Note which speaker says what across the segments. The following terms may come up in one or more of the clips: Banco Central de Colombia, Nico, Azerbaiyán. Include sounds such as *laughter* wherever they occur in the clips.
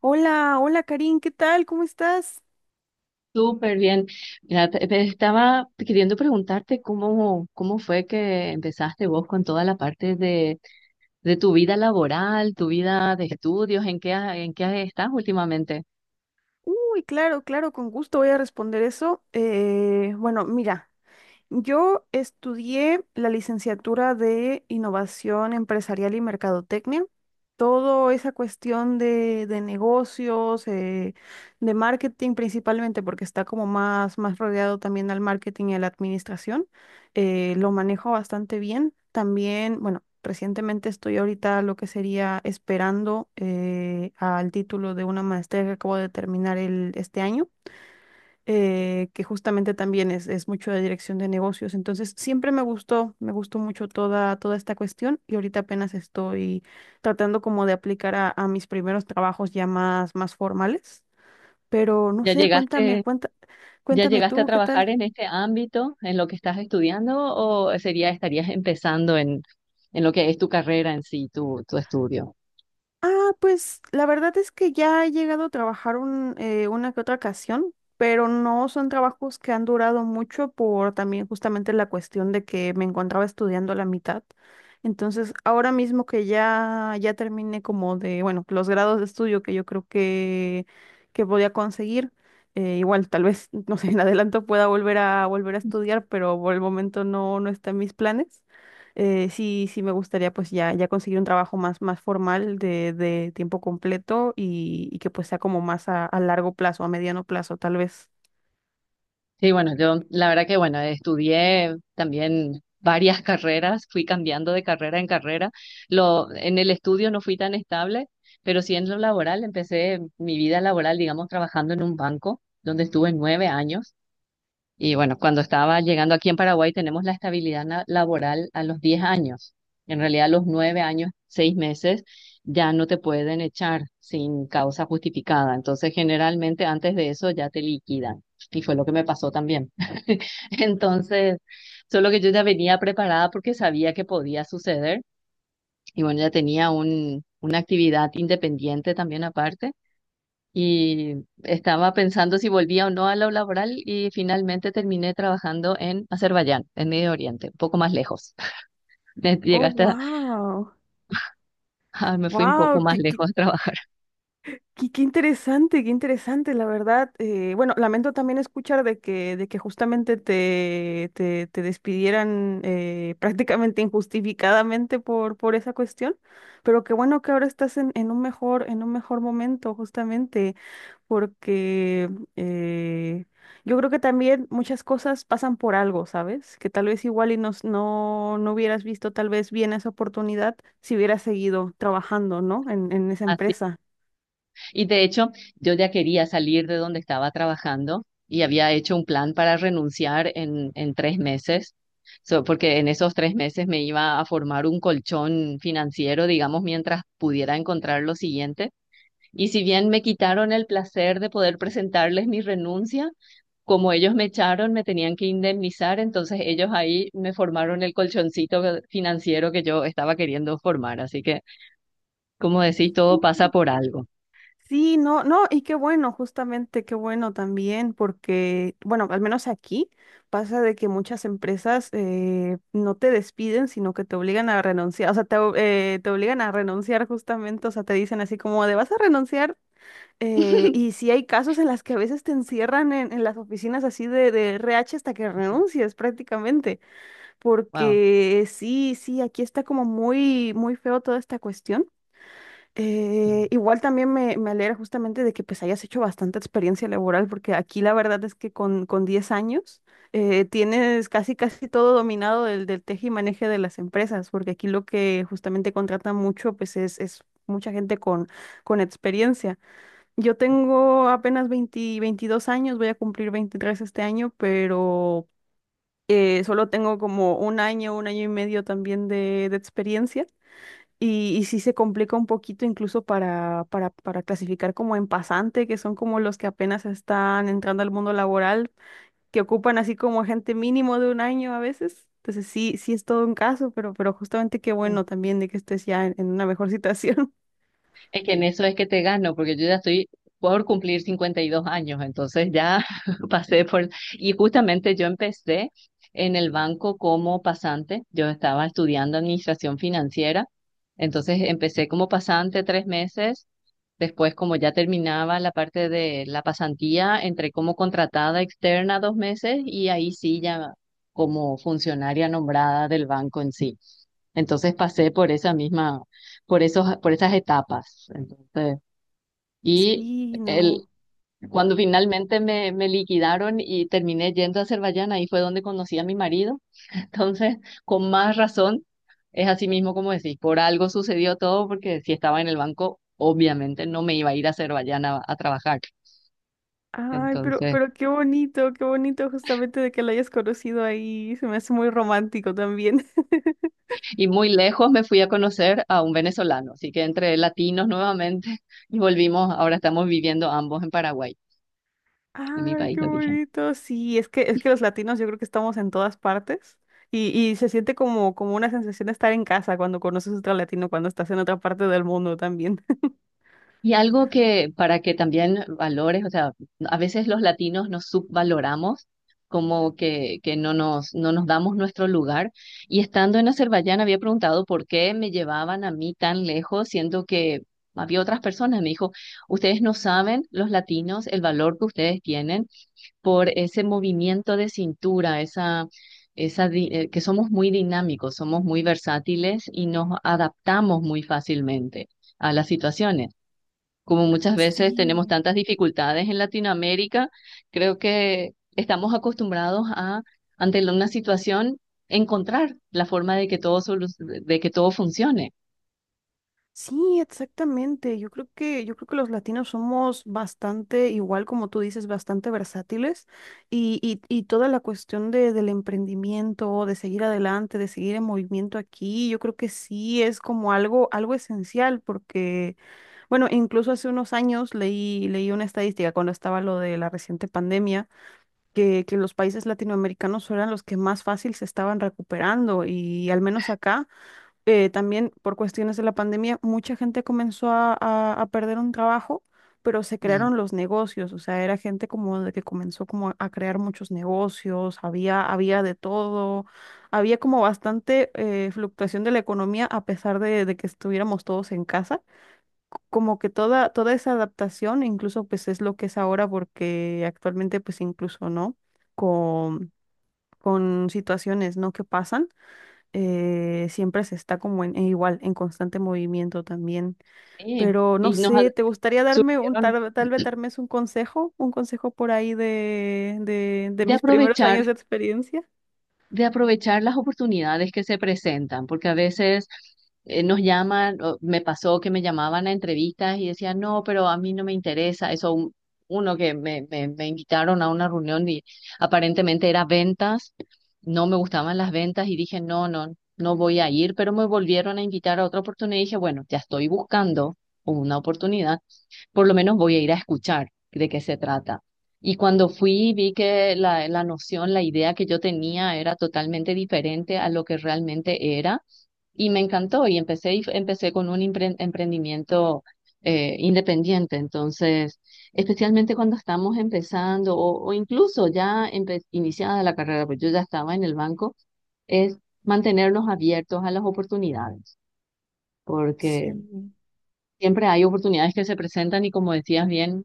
Speaker 1: Hola, hola Karin, ¿qué tal? ¿Cómo estás?
Speaker 2: Súper bien. Mira, te estaba queriendo preguntarte cómo fue que empezaste vos con toda la parte de tu vida laboral, tu vida de estudios, en qué estás últimamente.
Speaker 1: Uy, claro, claro, con gusto voy a responder eso. Bueno, mira. Yo estudié la licenciatura de Innovación Empresarial y Mercadotecnia. Toda esa cuestión de negocios, de marketing principalmente, porque está como más, más rodeado también al marketing y a la administración, lo manejo bastante bien. También, bueno, recientemente estoy ahorita lo que sería esperando al título de una maestría que acabo de terminar el, este año que justamente también es mucho de dirección de negocios. Entonces, siempre me gustó mucho toda, toda esta cuestión y ahorita apenas estoy tratando como de aplicar a mis primeros trabajos ya más, más formales. Pero no
Speaker 2: ¿Ya
Speaker 1: sé, cuéntame,
Speaker 2: llegaste,
Speaker 1: cuenta,
Speaker 2: ya
Speaker 1: cuéntame
Speaker 2: llegaste a
Speaker 1: tú, ¿qué tal?
Speaker 2: trabajar en este ámbito, en lo que estás estudiando, o sería, estarías empezando en lo que es tu carrera en sí, tu estudio?
Speaker 1: Ah, pues la verdad es que ya he llegado a trabajar una que otra ocasión, pero no son trabajos que han durado mucho por también justamente la cuestión de que me encontraba estudiando a la mitad. Entonces, ahora mismo que ya, ya terminé como de, bueno, los grados de estudio que yo creo que voy a conseguir, igual tal vez, *laughs* no sé, en adelanto pueda volver a estudiar, pero por el momento no, no está en mis planes. Sí, sí me gustaría pues ya, ya conseguir un trabajo más, más formal de tiempo completo y que pues sea como más a largo plazo, a mediano plazo tal vez.
Speaker 2: Sí, bueno, yo la verdad que bueno, estudié también varias *laughs* carreras, fui cambiando de carrera en carrera. En el estudio no fui tan estable, pero sí en lo laboral, empecé mi vida laboral, digamos, trabajando en un banco, donde estuve 9 años. Y bueno, cuando estaba llegando aquí, en Paraguay tenemos la estabilidad laboral a los 10 años. En realidad a los 9 años, 6 meses, ya no te pueden echar sin causa justificada. Entonces, generalmente antes de eso ya te liquidan. Y fue lo que me pasó también. *laughs* Entonces, solo que yo ya venía preparada porque sabía que podía suceder. Y bueno, ya tenía una actividad independiente también aparte, y estaba pensando si volvía o no a lo laboral, y finalmente terminé trabajando en Azerbaiyán, en Medio Oriente, un poco más lejos. *laughs*
Speaker 1: Oh,
Speaker 2: ¿Llegaste a...
Speaker 1: wow.
Speaker 2: ah, me fui un poco
Speaker 1: Wow,
Speaker 2: más lejos a trabajar
Speaker 1: qué, qué interesante, la verdad. Bueno, lamento también escuchar de de que justamente te, te, te despidieran *laughs* prácticamente injustificadamente por esa cuestión, pero qué bueno que ahora estás en un mejor momento, justamente, porque eh, yo creo que también muchas cosas pasan por algo, ¿sabes? Que tal vez igual y nos, no, no hubieras visto tal vez bien esa oportunidad si hubieras seguido trabajando, ¿no? En esa
Speaker 2: *laughs* así?
Speaker 1: empresa.
Speaker 2: Y de hecho, yo ya quería salir de donde estaba trabajando y había hecho un plan para renunciar en 3 meses. So, porque en esos 3 meses me iba a formar un colchón financiero, digamos, mientras pudiera encontrar lo siguiente. Y si bien me quitaron el placer de poder presentarles mi renuncia, como ellos me echaron, me tenían que indemnizar, entonces ellos ahí me formaron el financiero que yo estaba queriendo formar. Así que, como decís, todo pasa por algo.
Speaker 1: Sí, no, no, y qué bueno, justamente, qué bueno también, porque, bueno, al menos aquí pasa de que muchas empresas no te despiden, sino que te obligan a renunciar, o sea, te, o- te obligan a renunciar justamente, o sea, te dicen así como de vas a renunciar, y
Speaker 2: *laughs*
Speaker 1: sí hay casos en las que a veces te encierran en las oficinas así de RR. HH. Hasta que renuncies prácticamente, porque sí, sí, aquí está como muy, muy feo toda esta cuestión. Igual también me alegra justamente de que pues hayas hecho bastante experiencia laboral, porque aquí la verdad es que con 10 años tienes casi casi todo dominado del, del teje y maneje de las empresas, porque aquí lo que justamente contratan mucho pues es mucha gente con experiencia. Yo tengo apenas 20 22 años, voy a cumplir 23 este año, pero solo tengo como un año y medio también de experiencia. Y sí se complica un poquito incluso para clasificar como en pasante, que son como los que apenas están entrando al mundo laboral, que ocupan así como gente mínimo de un año a veces. Entonces sí, sí es todo un caso, pero justamente qué
Speaker 2: Wow.
Speaker 1: bueno también de que estés ya en una mejor situación. *laughs*
Speaker 2: Es que en eso es que te gano, porque yo ya estoy por cumplir 52 años, entonces ya *laughs* pasé por... Y justamente yo empecé en el banco como pasante, yo estaba estudiando administración financiera, entonces empecé como pasante 3 meses, después como ya terminaba la parte de la pasantía, entré como contratada externa 2 meses, y ahí sí ya como funcionaria nombrada del banco en sí. Entonces pasé por esa misma, por esas etapas. Entonces, y
Speaker 1: Sí,
Speaker 2: el,
Speaker 1: no.
Speaker 2: cuando finalmente me liquidaron y terminé yendo a Azerbaiyán, ahí fue donde conocí a mi marido. *laughs* Entonces, con más razón, es así mismo como decís, por algo sucedió todo, porque si estaba en el banco, obviamente no me iba a ir a Azerbaiyán a trabajar.
Speaker 1: Ay,
Speaker 2: Entonces,
Speaker 1: pero qué bonito justamente de que lo hayas conocido ahí. Se me hace muy romántico también. *laughs*
Speaker 2: y muy lejos me fui a conocer a un venezolano, así que entre latinos nuevamente *laughs* y volvimos, ahora estamos viviendo ambos en Paraguay, en mi
Speaker 1: Ay,
Speaker 2: país
Speaker 1: qué
Speaker 2: de origen.
Speaker 1: bonito. Sí, es que los latinos yo creo que estamos en todas partes y se siente como, como una sensación de estar en casa cuando conoces otro latino, cuando estás en otra parte del mundo también. *laughs*
Speaker 2: Y algo que para que también valores, o sea, a veces los latinos nos subvaloramos, como que no nos damos nuestro lugar. Y estando en Azerbaiyán había preguntado por qué me llevaban a mí tan lejos, siendo que había otras personas. Me dijo, ustedes no saben, los latinos, el valor que ustedes tienen por ese movimiento de cintura, que somos muy dinámicos, somos muy versátiles y nos adaptamos muy fácilmente a las situaciones. Como muchas veces tenemos
Speaker 1: Sí,
Speaker 2: tantas dificultades en Latinoamérica, creo que estamos acostumbrados a, ante una situación, encontrar la forma de que de que todo funcione.
Speaker 1: sí, exactamente. Yo creo que los latinos somos bastante, igual como tú dices, bastante versátiles y toda la cuestión del emprendimiento, de seguir adelante, de seguir en movimiento aquí, yo creo que sí es como algo, algo esencial porque... Bueno, incluso hace unos años leí, leí una estadística cuando estaba lo de la reciente pandemia, que los países latinoamericanos eran los que más fácil se estaban recuperando y al menos acá, también por cuestiones de la pandemia, mucha gente comenzó a perder un trabajo, pero se
Speaker 2: Mm.
Speaker 1: crearon los negocios, o sea, era gente como de que comenzó como a crear muchos negocios, había, había de todo, había como bastante fluctuación de la economía a pesar de que estuviéramos todos en casa como que toda, toda esa adaptación, incluso pues es lo que es ahora, porque actualmente pues incluso, ¿no? Con, con situaciones, ¿no? Que pasan, siempre se está como en igual, en constante movimiento también.
Speaker 2: Sí,
Speaker 1: Pero no
Speaker 2: y nos
Speaker 1: sé, ¿te gustaría darme un,
Speaker 2: surgieron
Speaker 1: tal, tal vez darme un consejo por ahí de
Speaker 2: de
Speaker 1: mis primeros
Speaker 2: aprovechar,
Speaker 1: años de experiencia?
Speaker 2: de aprovechar las oportunidades que se presentan, porque a veces nos llaman, o me pasó que me llamaban a entrevistas y decían, no, pero a mí no me interesa, uno que me invitaron a una reunión y aparentemente era ventas, no me gustaban las ventas y dije, no voy a ir, pero me volvieron a invitar a otra oportunidad y dije, bueno, ya estoy buscando una oportunidad, por lo menos voy a ir a escuchar de qué se trata. Y cuando fui, vi que la noción, la idea que yo tenía era totalmente diferente a lo que realmente era, y me encantó y empecé, y empecé con un emprendimiento independiente. Entonces, especialmente cuando estamos empezando o incluso ya iniciada la carrera, pues yo ya estaba en el banco, es mantenernos abiertos a las oportunidades, porque
Speaker 1: Sí.
Speaker 2: siempre hay oportunidades que se presentan, y como decías bien,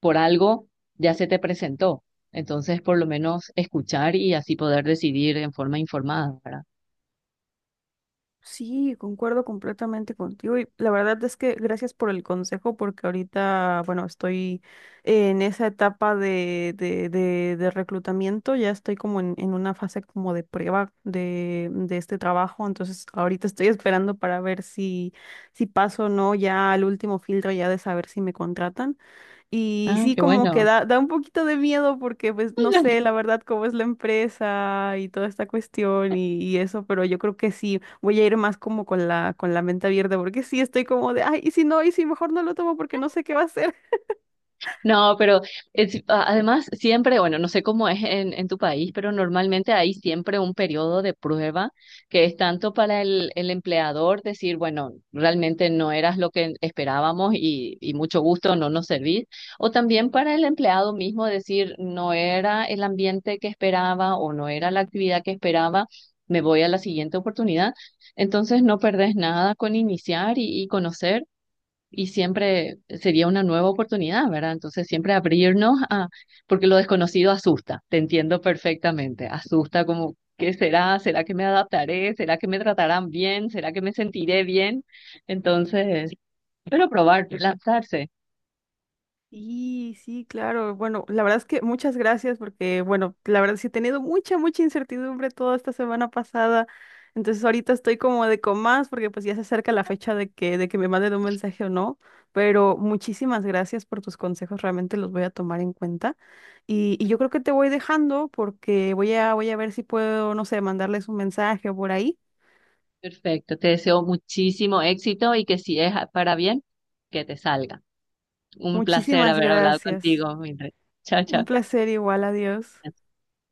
Speaker 2: por algo ya se te presentó. Entonces, por lo menos escuchar, y así poder decidir en forma informada, ¿verdad?
Speaker 1: Sí, concuerdo completamente contigo y la verdad es que gracias por el consejo porque ahorita, bueno, estoy en esa etapa de reclutamiento, ya estoy como en una fase como de prueba de este trabajo, entonces ahorita estoy esperando para ver si, si paso o no ya al último filtro ya de saber si me contratan. Y
Speaker 2: Ah,
Speaker 1: sí,
Speaker 2: qué
Speaker 1: como que
Speaker 2: bueno.
Speaker 1: da, da un poquito de miedo porque, pues, no sé,
Speaker 2: *laughs*
Speaker 1: la verdad, cómo es la empresa y toda esta cuestión y eso, pero yo creo que sí, voy a ir más como con la mente abierta porque sí estoy como de, ay, y si no, y si mejor no lo tomo porque no sé qué va a ser.
Speaker 2: No, pero además siempre, bueno, no sé cómo es en tu país, pero normalmente hay siempre un periodo de prueba, que es tanto para el empleador decir, bueno, realmente no eras lo que esperábamos y mucho gusto no nos servís, o también para el empleado mismo decir, no era el ambiente que esperaba o no era la actividad que esperaba, me voy a la siguiente oportunidad. Entonces no perdés nada con iniciar y conocer, y siempre sería una nueva oportunidad, ¿verdad? Entonces siempre abrirnos a... Porque lo desconocido asusta, te entiendo perfectamente, asusta como, ¿qué será? ¿Será que me adaptaré? ¿Será que me tratarán bien? ¿Será que me sentiré bien? Entonces, pero probar, lanzarse.
Speaker 1: Sí, sí, claro. Bueno, la verdad es que muchas gracias porque, bueno, la verdad sí he tenido mucha, mucha incertidumbre toda esta semana pasada. Entonces ahorita estoy como de con más porque pues ya se acerca la fecha de que me manden un mensaje o no. Pero muchísimas gracias por tus consejos, realmente los voy a tomar en cuenta. Y yo creo que te voy dejando porque voy a, voy a ver si puedo, no sé, mandarles un mensaje o por ahí.
Speaker 2: Perfecto, te deseo muchísimo éxito, y que si es para bien, que te salga. Un placer
Speaker 1: Muchísimas
Speaker 2: haber hablado
Speaker 1: gracias.
Speaker 2: contigo, Mildred. Chao,
Speaker 1: Un
Speaker 2: chao.
Speaker 1: placer igual, adiós.